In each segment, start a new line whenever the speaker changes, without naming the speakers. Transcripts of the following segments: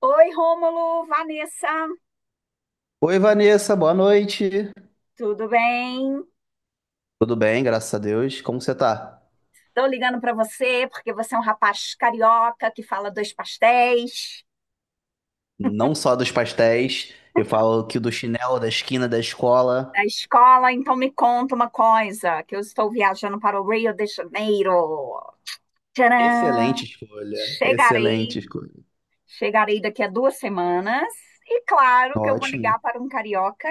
Oi, Rômulo, Vanessa,
Oi, Vanessa, boa noite.
tudo bem?
Tudo bem, graças a Deus. Como você tá?
Estou ligando para você porque você é um rapaz carioca que fala dois pastéis
Não só dos pastéis, eu falo que do chinelo da esquina da escola.
na escola, então me conta uma coisa, que eu estou viajando para o Rio de Janeiro.
Excelente
Tcharam!
escolha,
Chegarei,
excelente escolha.
chegarei daqui a 2 semanas e claro que eu vou
Ótimo.
ligar para um carioca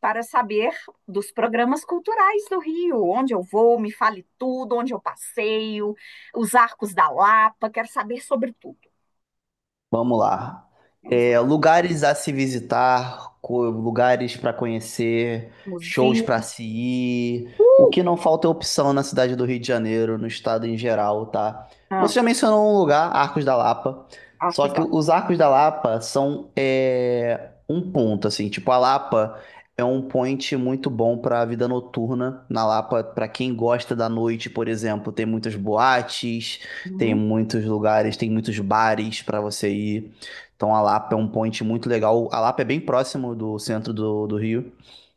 para saber dos programas culturais do Rio, onde eu vou, me fale tudo, onde eu passeio, os arcos da Lapa, quero saber sobre tudo.
Vamos lá.
Vamos lá.
É, lugares a se visitar, lugares para conhecer, shows
Museu.
para se ir. O
Uh!
que não falta é opção na cidade do Rio de Janeiro, no estado em geral, tá?
Ah,
Você já mencionou um lugar, Arcos da Lapa. Só
Arcos
que
da.
os Arcos da Lapa são um ponto, assim. Tipo, a Lapa é um point muito bom para a vida noturna. Na Lapa, para quem gosta da noite, por exemplo, tem muitas boates. Tem
Uhum,
muitos lugares, tem muitos bares para você ir. Então a Lapa é um point muito legal. A Lapa é bem próximo do centro do Rio.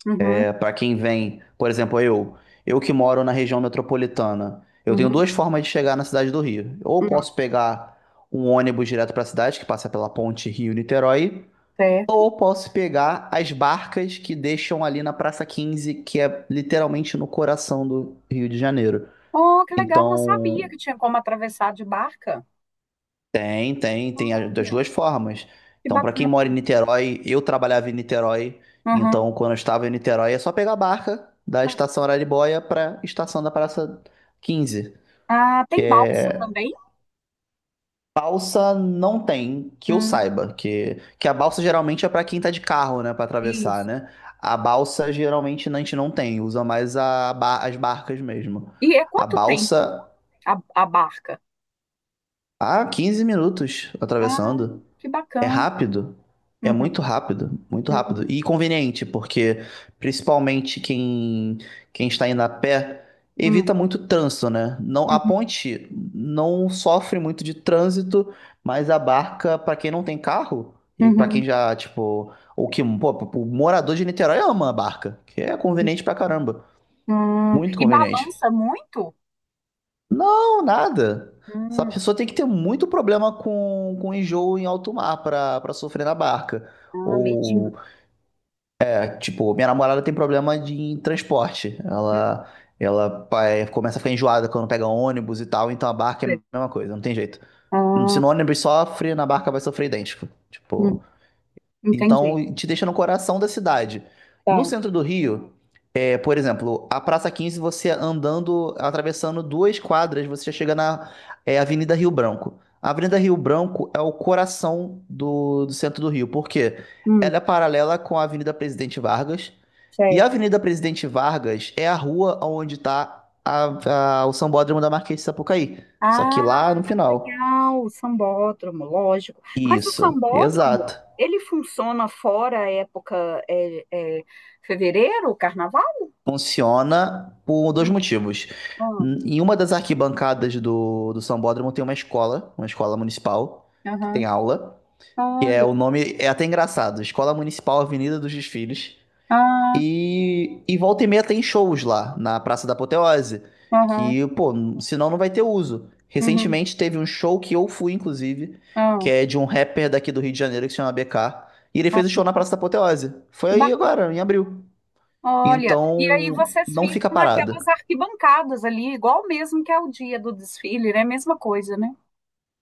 uhum,
É, para quem vem, por exemplo, eu que moro na região metropolitana, eu tenho
uhum,
duas formas de chegar na cidade do Rio. Ou
uhum.
posso pegar um ônibus direto para a cidade, que passa pela ponte Rio-Niterói,
Certo.
ou posso pegar as barcas que deixam ali na Praça Quinze, que é literalmente no coração do Rio de Janeiro.
Oh, que legal, não sabia
Então,
que tinha como atravessar de barca.
tem das
Olha,
duas formas.
que
Então, para quem
bacana.
mora em Niterói, eu trabalhava em Niterói,
Uhum.
então quando eu estava em Niterói é só pegar a barca da estação Araribóia para estação da Praça Quinze.
Ah, tem balsa também?
Balsa não tem, que eu
Hum,
saiba, que a balsa geralmente é para quem tá de carro, né, para atravessar,
isso.
né? A balsa geralmente a gente não tem, usa mais as barcas mesmo.
E é
A
quanto tempo
balsa,
a, a barca?
ah, 15 minutos
Ah,
atravessando.
que
É
bacana.
rápido, é
Uhum,
muito rápido, muito rápido.
uhum,
E conveniente, porque principalmente quem está indo a pé
uhum,
evita muito trânsito, né? Não, a
uhum,
ponte não sofre muito de trânsito, mas a barca, para quem não tem carro, e para
uhum.
quem já, tipo, ou que, pô, o morador de Niterói ama a barca, que é
Hum,
conveniente pra caramba. Muito
E
conveniente.
balança muito?
Não, nada. Essa
Hum,
pessoa tem que ter muito problema com enjoo em alto mar pra para sofrer na barca.
ah, medinho.
Ou, é, tipo, minha namorada tem problema de em transporte.
Uhum,
Ela começa a ficar enjoada quando pega ônibus e tal, então a barca é a
sei.
mesma coisa, não tem jeito.
Ah,
Se no ônibus sofre, na barca vai sofrer idêntico.
uhum,
Tipo,
entendi.
então, te deixa no coração da cidade. No
Tá.
centro do Rio, é, por exemplo, a Praça Quinze. Você andando, atravessando duas quadras, você já chega na Avenida Rio Branco. A Avenida
Sei.
Rio Branco é o coração do centro do Rio, porque
Hum.
ela é paralela com a Avenida Presidente Vargas. E a
Certo.
Avenida Presidente Vargas é a rua onde está o Sambódromo da Marquês de Sapucaí. Só que
Ah,
lá no final.
legal, o sambódromo, lógico. Mas o
Isso,
sambódromo,
exato.
ele funciona fora a época é, fevereiro, carnaval?
Funciona por dois
Hum,
motivos.
hum,
Em uma das arquibancadas do Sambódromo tem uma escola municipal, que
Aham.
tem aula, que é
Olha.
o nome, é até engraçado, Escola Municipal Avenida dos Desfiles.
Ah,
E volta e meia tem shows lá, na Praça da Apoteose,
aham.
que, pô, senão não vai ter uso.
Uhum,
Recentemente teve um show que eu fui, inclusive,
ah,
que é de um rapper daqui do Rio de Janeiro que se chama BK, e ele
ah,
fez o show na Praça da Apoteose. Foi
que
aí
bacana.
agora, em abril.
Olha, e aí
Então,
vocês
não fica
ficam
parado.
naquelas arquibancadas ali, igual mesmo que é o dia do desfile, né? Mesma coisa, né?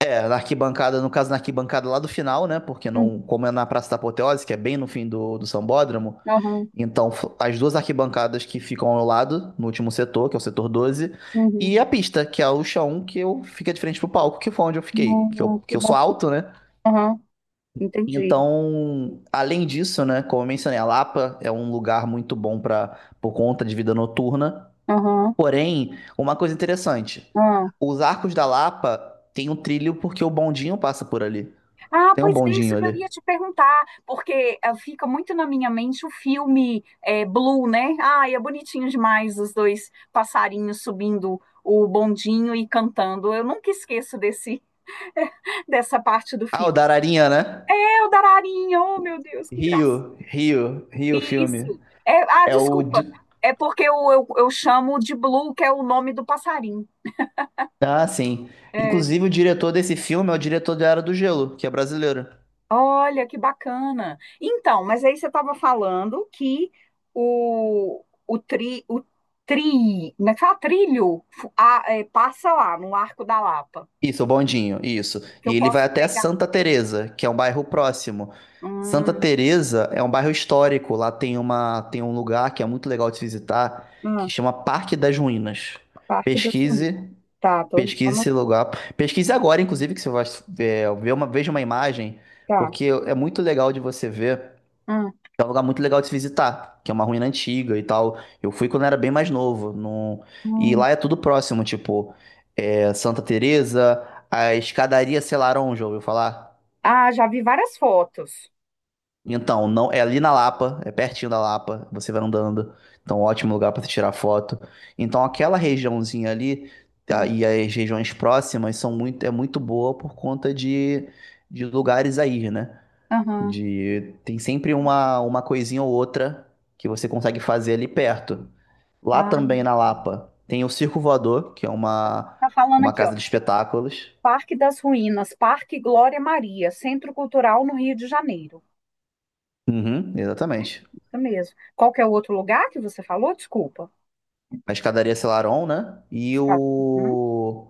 É, na arquibancada, no caso, na arquibancada lá do final, né? Porque
Uhum,
não, como é na Praça da Apoteose, que é bem no fim do Sambódromo,
aham,
então as duas arquibancadas que ficam ao lado, no último setor, que é o setor 12,
uhum,
e a pista, que é o chão, que eu fica de frente pro palco, que foi onde eu fiquei, que eu,
uhum,
que
que
eu sou
bacana.
alto, né?
Aham, entendi.
Então, além disso, né, como eu mencionei, a Lapa é um lugar muito bom para por conta de vida noturna.
Aham,
Porém, uma coisa interessante,
ah.
os arcos da Lapa tem um trilho porque o bondinho passa por ali.
Ah,
Tem um
pois é isso
bondinho
que eu
ali.
ia te perguntar, porque fica muito na minha mente o filme Blue, né? Ai, é bonitinho demais os dois passarinhos subindo o bondinho e cantando. Eu nunca esqueço desse dessa parte do
Ah, o
filme.
da Ararinha, né?
É o Dararinho, oh meu Deus, que graça.
Rio, Rio, Rio
Isso.
filme.
É, ah,
É o.
desculpa. É porque eu chamo de Blue, que é o nome do passarinho.
Ah, sim.
É,
Inclusive, o diretor desse filme é o diretor da Era do Gelo, que é brasileiro.
olha, que bacana. Então, mas aí você estava falando que o como é que fala? Trilho, passa lá no Arco da Lapa,
Isso, o Bondinho, isso.
que eu
E ele vai
posso
até
pegar.
Santa Teresa, que é um bairro próximo. Santa
Hum,
Teresa é um bairro histórico. Lá tem uma, tem um lugar que é muito legal de se visitar, que
hum,
chama Parque das Ruínas.
Parque das Unidas.
Pesquise.
Tá, tô
Pesquise esse
anotando.
lugar. Pesquise agora, inclusive, que você vai veja uma imagem,
Tá.
porque é muito legal de você ver.
Hum,
É um lugar muito legal de se visitar, que é uma ruína antiga e tal. Eu fui quando era bem mais novo. Não... E
hum.
lá é tudo próximo, tipo, Santa Teresa, a escadaria Selarón, já ouviu falar?
Ah, já vi várias fotos.
Então, não, é ali na Lapa, é pertinho da Lapa, você vai andando. Então, ótimo lugar para tirar foto. Então, aquela regiãozinha ali tá,
Hum,
e as regiões próximas são muito, é muito boa por conta de lugares aí, né?
aham.
De, tem sempre uma coisinha ou outra que você consegue fazer ali perto. Lá
Ah,
também na Lapa tem o Circo Voador, que é uma,
tá falando
uma
aqui, ó.
casa de espetáculos.
Parque das Ruínas, Parque Glória Maria, Centro Cultural no Rio de Janeiro.
Uhum, exatamente.
Isso mesmo. Qual que é o outro lugar que você falou? Desculpa.
A escadaria Selarón, né? E
Escada. Uhum,
o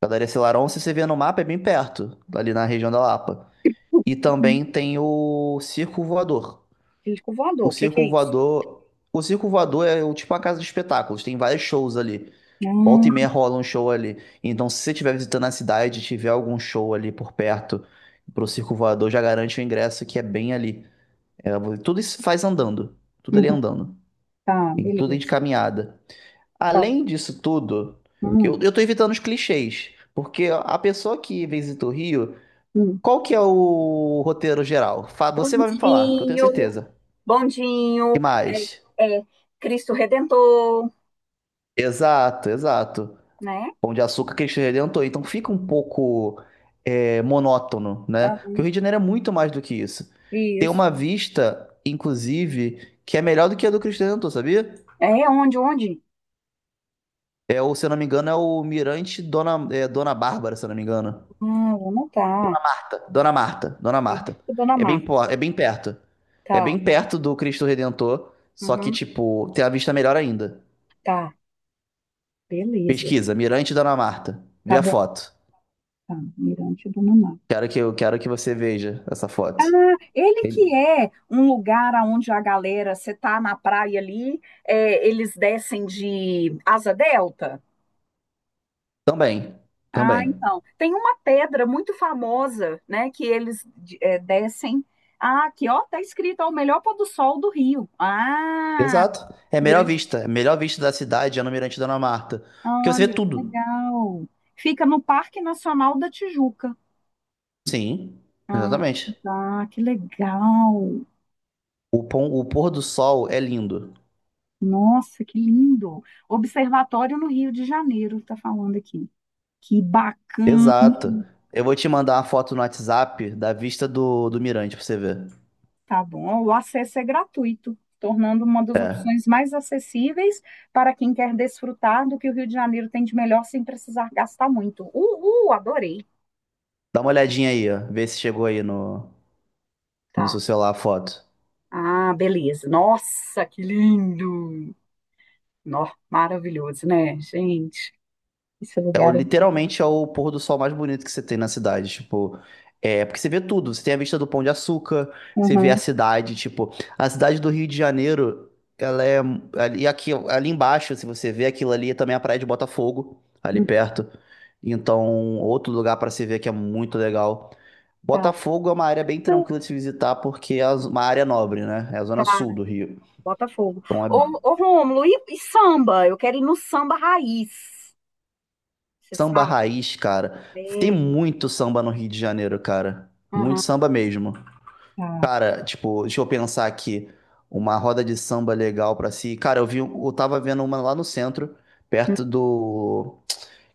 Padaria Selarón, se você vê no mapa, é bem perto, ali na região da Lapa. E
uhum.
também tem o Circo Voador.
Circo voador.
O
O que que é
Circo
isso?
Voador, o Circo Voador é o- tipo uma casa de espetáculos, tem vários shows ali. Volta e
Ah,
meia rola um show ali. Então, se você estiver visitando a cidade e tiver algum show ali por perto pro Circo Voador, já garante o ingresso que é bem ali. É, vo- tudo isso faz andando. Tudo ali
uhum.
andando.
Tá,
Tem tudo aí de
beleza.
caminhada.
Tá.
Além disso tudo, que
Hum,
eu tô evitando os clichês. Porque a pessoa que visita o Rio,
hum.
qual que é o roteiro geral? Fa- Você vai me falar, que eu tenho
Bondinho,
certeza. Que
bondinho, é,
mais?
é, Cristo Redentor,
Exato, exato.
né?
Pão de Açúcar, Cristo Redentor. Então fica um pouco é, monótono, né?
Ah,
Porque o Rio de Janeiro é muito mais do que isso. Tem
isso.
uma vista, inclusive, que é melhor do que a do Cristo Redentor, sabia?
É onde, onde?
É, ou, se eu não me engano, é o Mirante Dona, Dona Bárbara, se eu não me engano.
Ah, vou anotar.
Dona Marta, Dona Marta.
Mirante Dona
É bem,
Marta.
é bem perto. É
Tá.
bem perto do Cristo Redentor, só que,
Uhum.
tipo, tem a vista melhor ainda.
Tá. Beleza.
Pesquisa, Mirante Dona Marta. Vê
Tá
a
bom.
foto.
Tá. Mirante Dona Marta.
Quero que, eu quero que você veja essa
Ah,
foto.
ele
Ele-
que é um lugar onde a galera, você tá na praia ali, eles descem de asa delta.
Também,
Ah,
também.
então. Tem uma pedra muito famosa, né, que eles descem. Ah, aqui, ó, tá escrito, ó, o melhor pôr do sol do Rio. Ah,
Exato. É a melhor
Mirante.
vista. É a melhor vista da cidade é no Mirante Dona Marta. Porque você
Olha,
vê
que
tudo.
legal. Fica no Parque Nacional da Tijuca.
Sim,
Ah,
exatamente.
tá, que legal.
O pôr do sol é lindo.
Nossa, que lindo. Observatório no Rio de Janeiro, tá falando aqui. Que bacana,
Exato. Eu vou te mandar uma foto no WhatsApp da vista do Mirante pra você ver.
tá bom? O acesso é gratuito, tornando uma das opções
É.
mais acessíveis para quem quer desfrutar do que o Rio de Janeiro tem de melhor sem precisar gastar muito. Uhul, adorei.
Dá uma olhadinha aí, ó. Vê se chegou aí no
Tá.
seu celular a foto.
Ah, beleza. Nossa, que lindo. Nó, maravilhoso, né, gente? Esse
É, o-
lugar é.
literalmente é o pôr do sol mais bonito que você tem na cidade, tipo, é, porque você vê tudo, você tem a vista do Pão de Açúcar, você vê a
Uhum.
cidade, tipo, a cidade do Rio de Janeiro, ela é, e aqui, ali embaixo, se você vê aquilo ali, é também a Praia de Botafogo, ali perto, então, outro lugar pra se ver que é muito legal.
Tá.
Botafogo é uma área bem tranquila de se visitar, porque é uma área nobre, né, é a zona
Tá,
sul do Rio,
Botafogo.
então é
Ô, ô Rômulo, e samba? Eu quero ir no samba raiz. Você
samba
sabe?
raiz, cara, tem
É.
muito samba no Rio de Janeiro, cara, muito
Uhum.
samba mesmo.
Tá.
Cara, tipo, deixa eu pensar aqui. Uma roda de samba legal pra si. Cara, eu tava vendo uma lá no centro, perto do.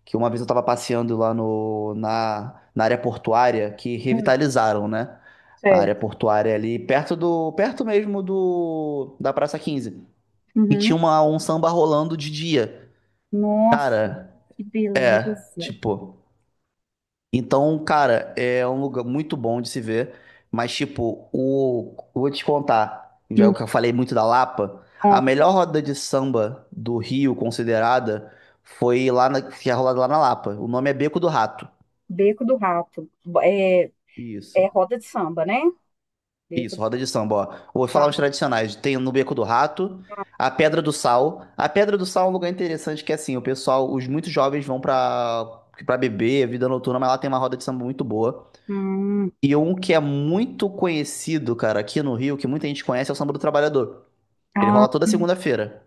Que uma vez eu tava passeando lá no, na, na área portuária, que
Hum,
revitalizaram, né? A área
certo.
portuária ali, perto mesmo do, da Praça Quinze. E
Uhum.
tinha um samba rolando de dia.
Nossa,
Cara,
que
é,
beleza.
tipo. Então, cara, é um lugar muito bom de se ver, mas tipo, o eu vou te contar, já
Hum,
que eu falei muito da Lapa,
ó,
a melhor roda de samba do Rio considerada foi lá que é rolada lá na Lapa. O nome é Beco do Rato.
Beco do Rato. É, é
Isso.
roda de samba, né? Beco
Isso,
do
roda de samba, ó. Vou falar os
Rato.
tradicionais. Tem no Beco do Rato, a Pedra do Sal. A Pedra do Sal é um lugar interessante que assim, o pessoal, os muitos jovens vão pra para beber, vida noturna, mas lá tem uma roda de samba muito boa.
Hum,
E um que é muito conhecido, cara, aqui no Rio, que muita gente conhece, é o Samba do Trabalhador. Ele
ah,
rola toda segunda-feira.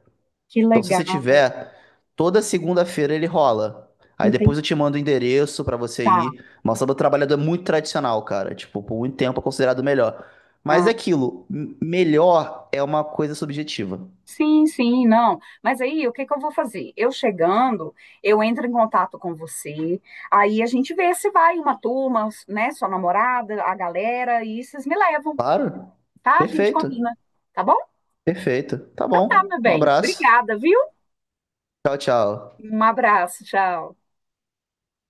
que
Então, se você
legal.
tiver, toda segunda-feira ele rola. Aí
Entendi.
depois eu te mando o endereço pra você
Tá.
ir. Mas o Samba do Trabalhador é muito tradicional, cara. Tipo, por muito tempo é considerado o melhor. Mas
Ah,
é aquilo, melhor é uma coisa subjetiva.
sim, sim, não. Mas aí, o que que eu vou fazer? Eu chegando, eu entro em contato com você, aí a gente vê se vai uma turma, né? Sua namorada, a galera, e vocês me levam,
Claro?
tá? A gente
Perfeito.
combina. Tá bom?
Perfeito. Tá
Tá,
bom.
meu
Um
bem.
abraço.
Obrigada, viu?
Tchau, tchau.
Um abraço, tchau.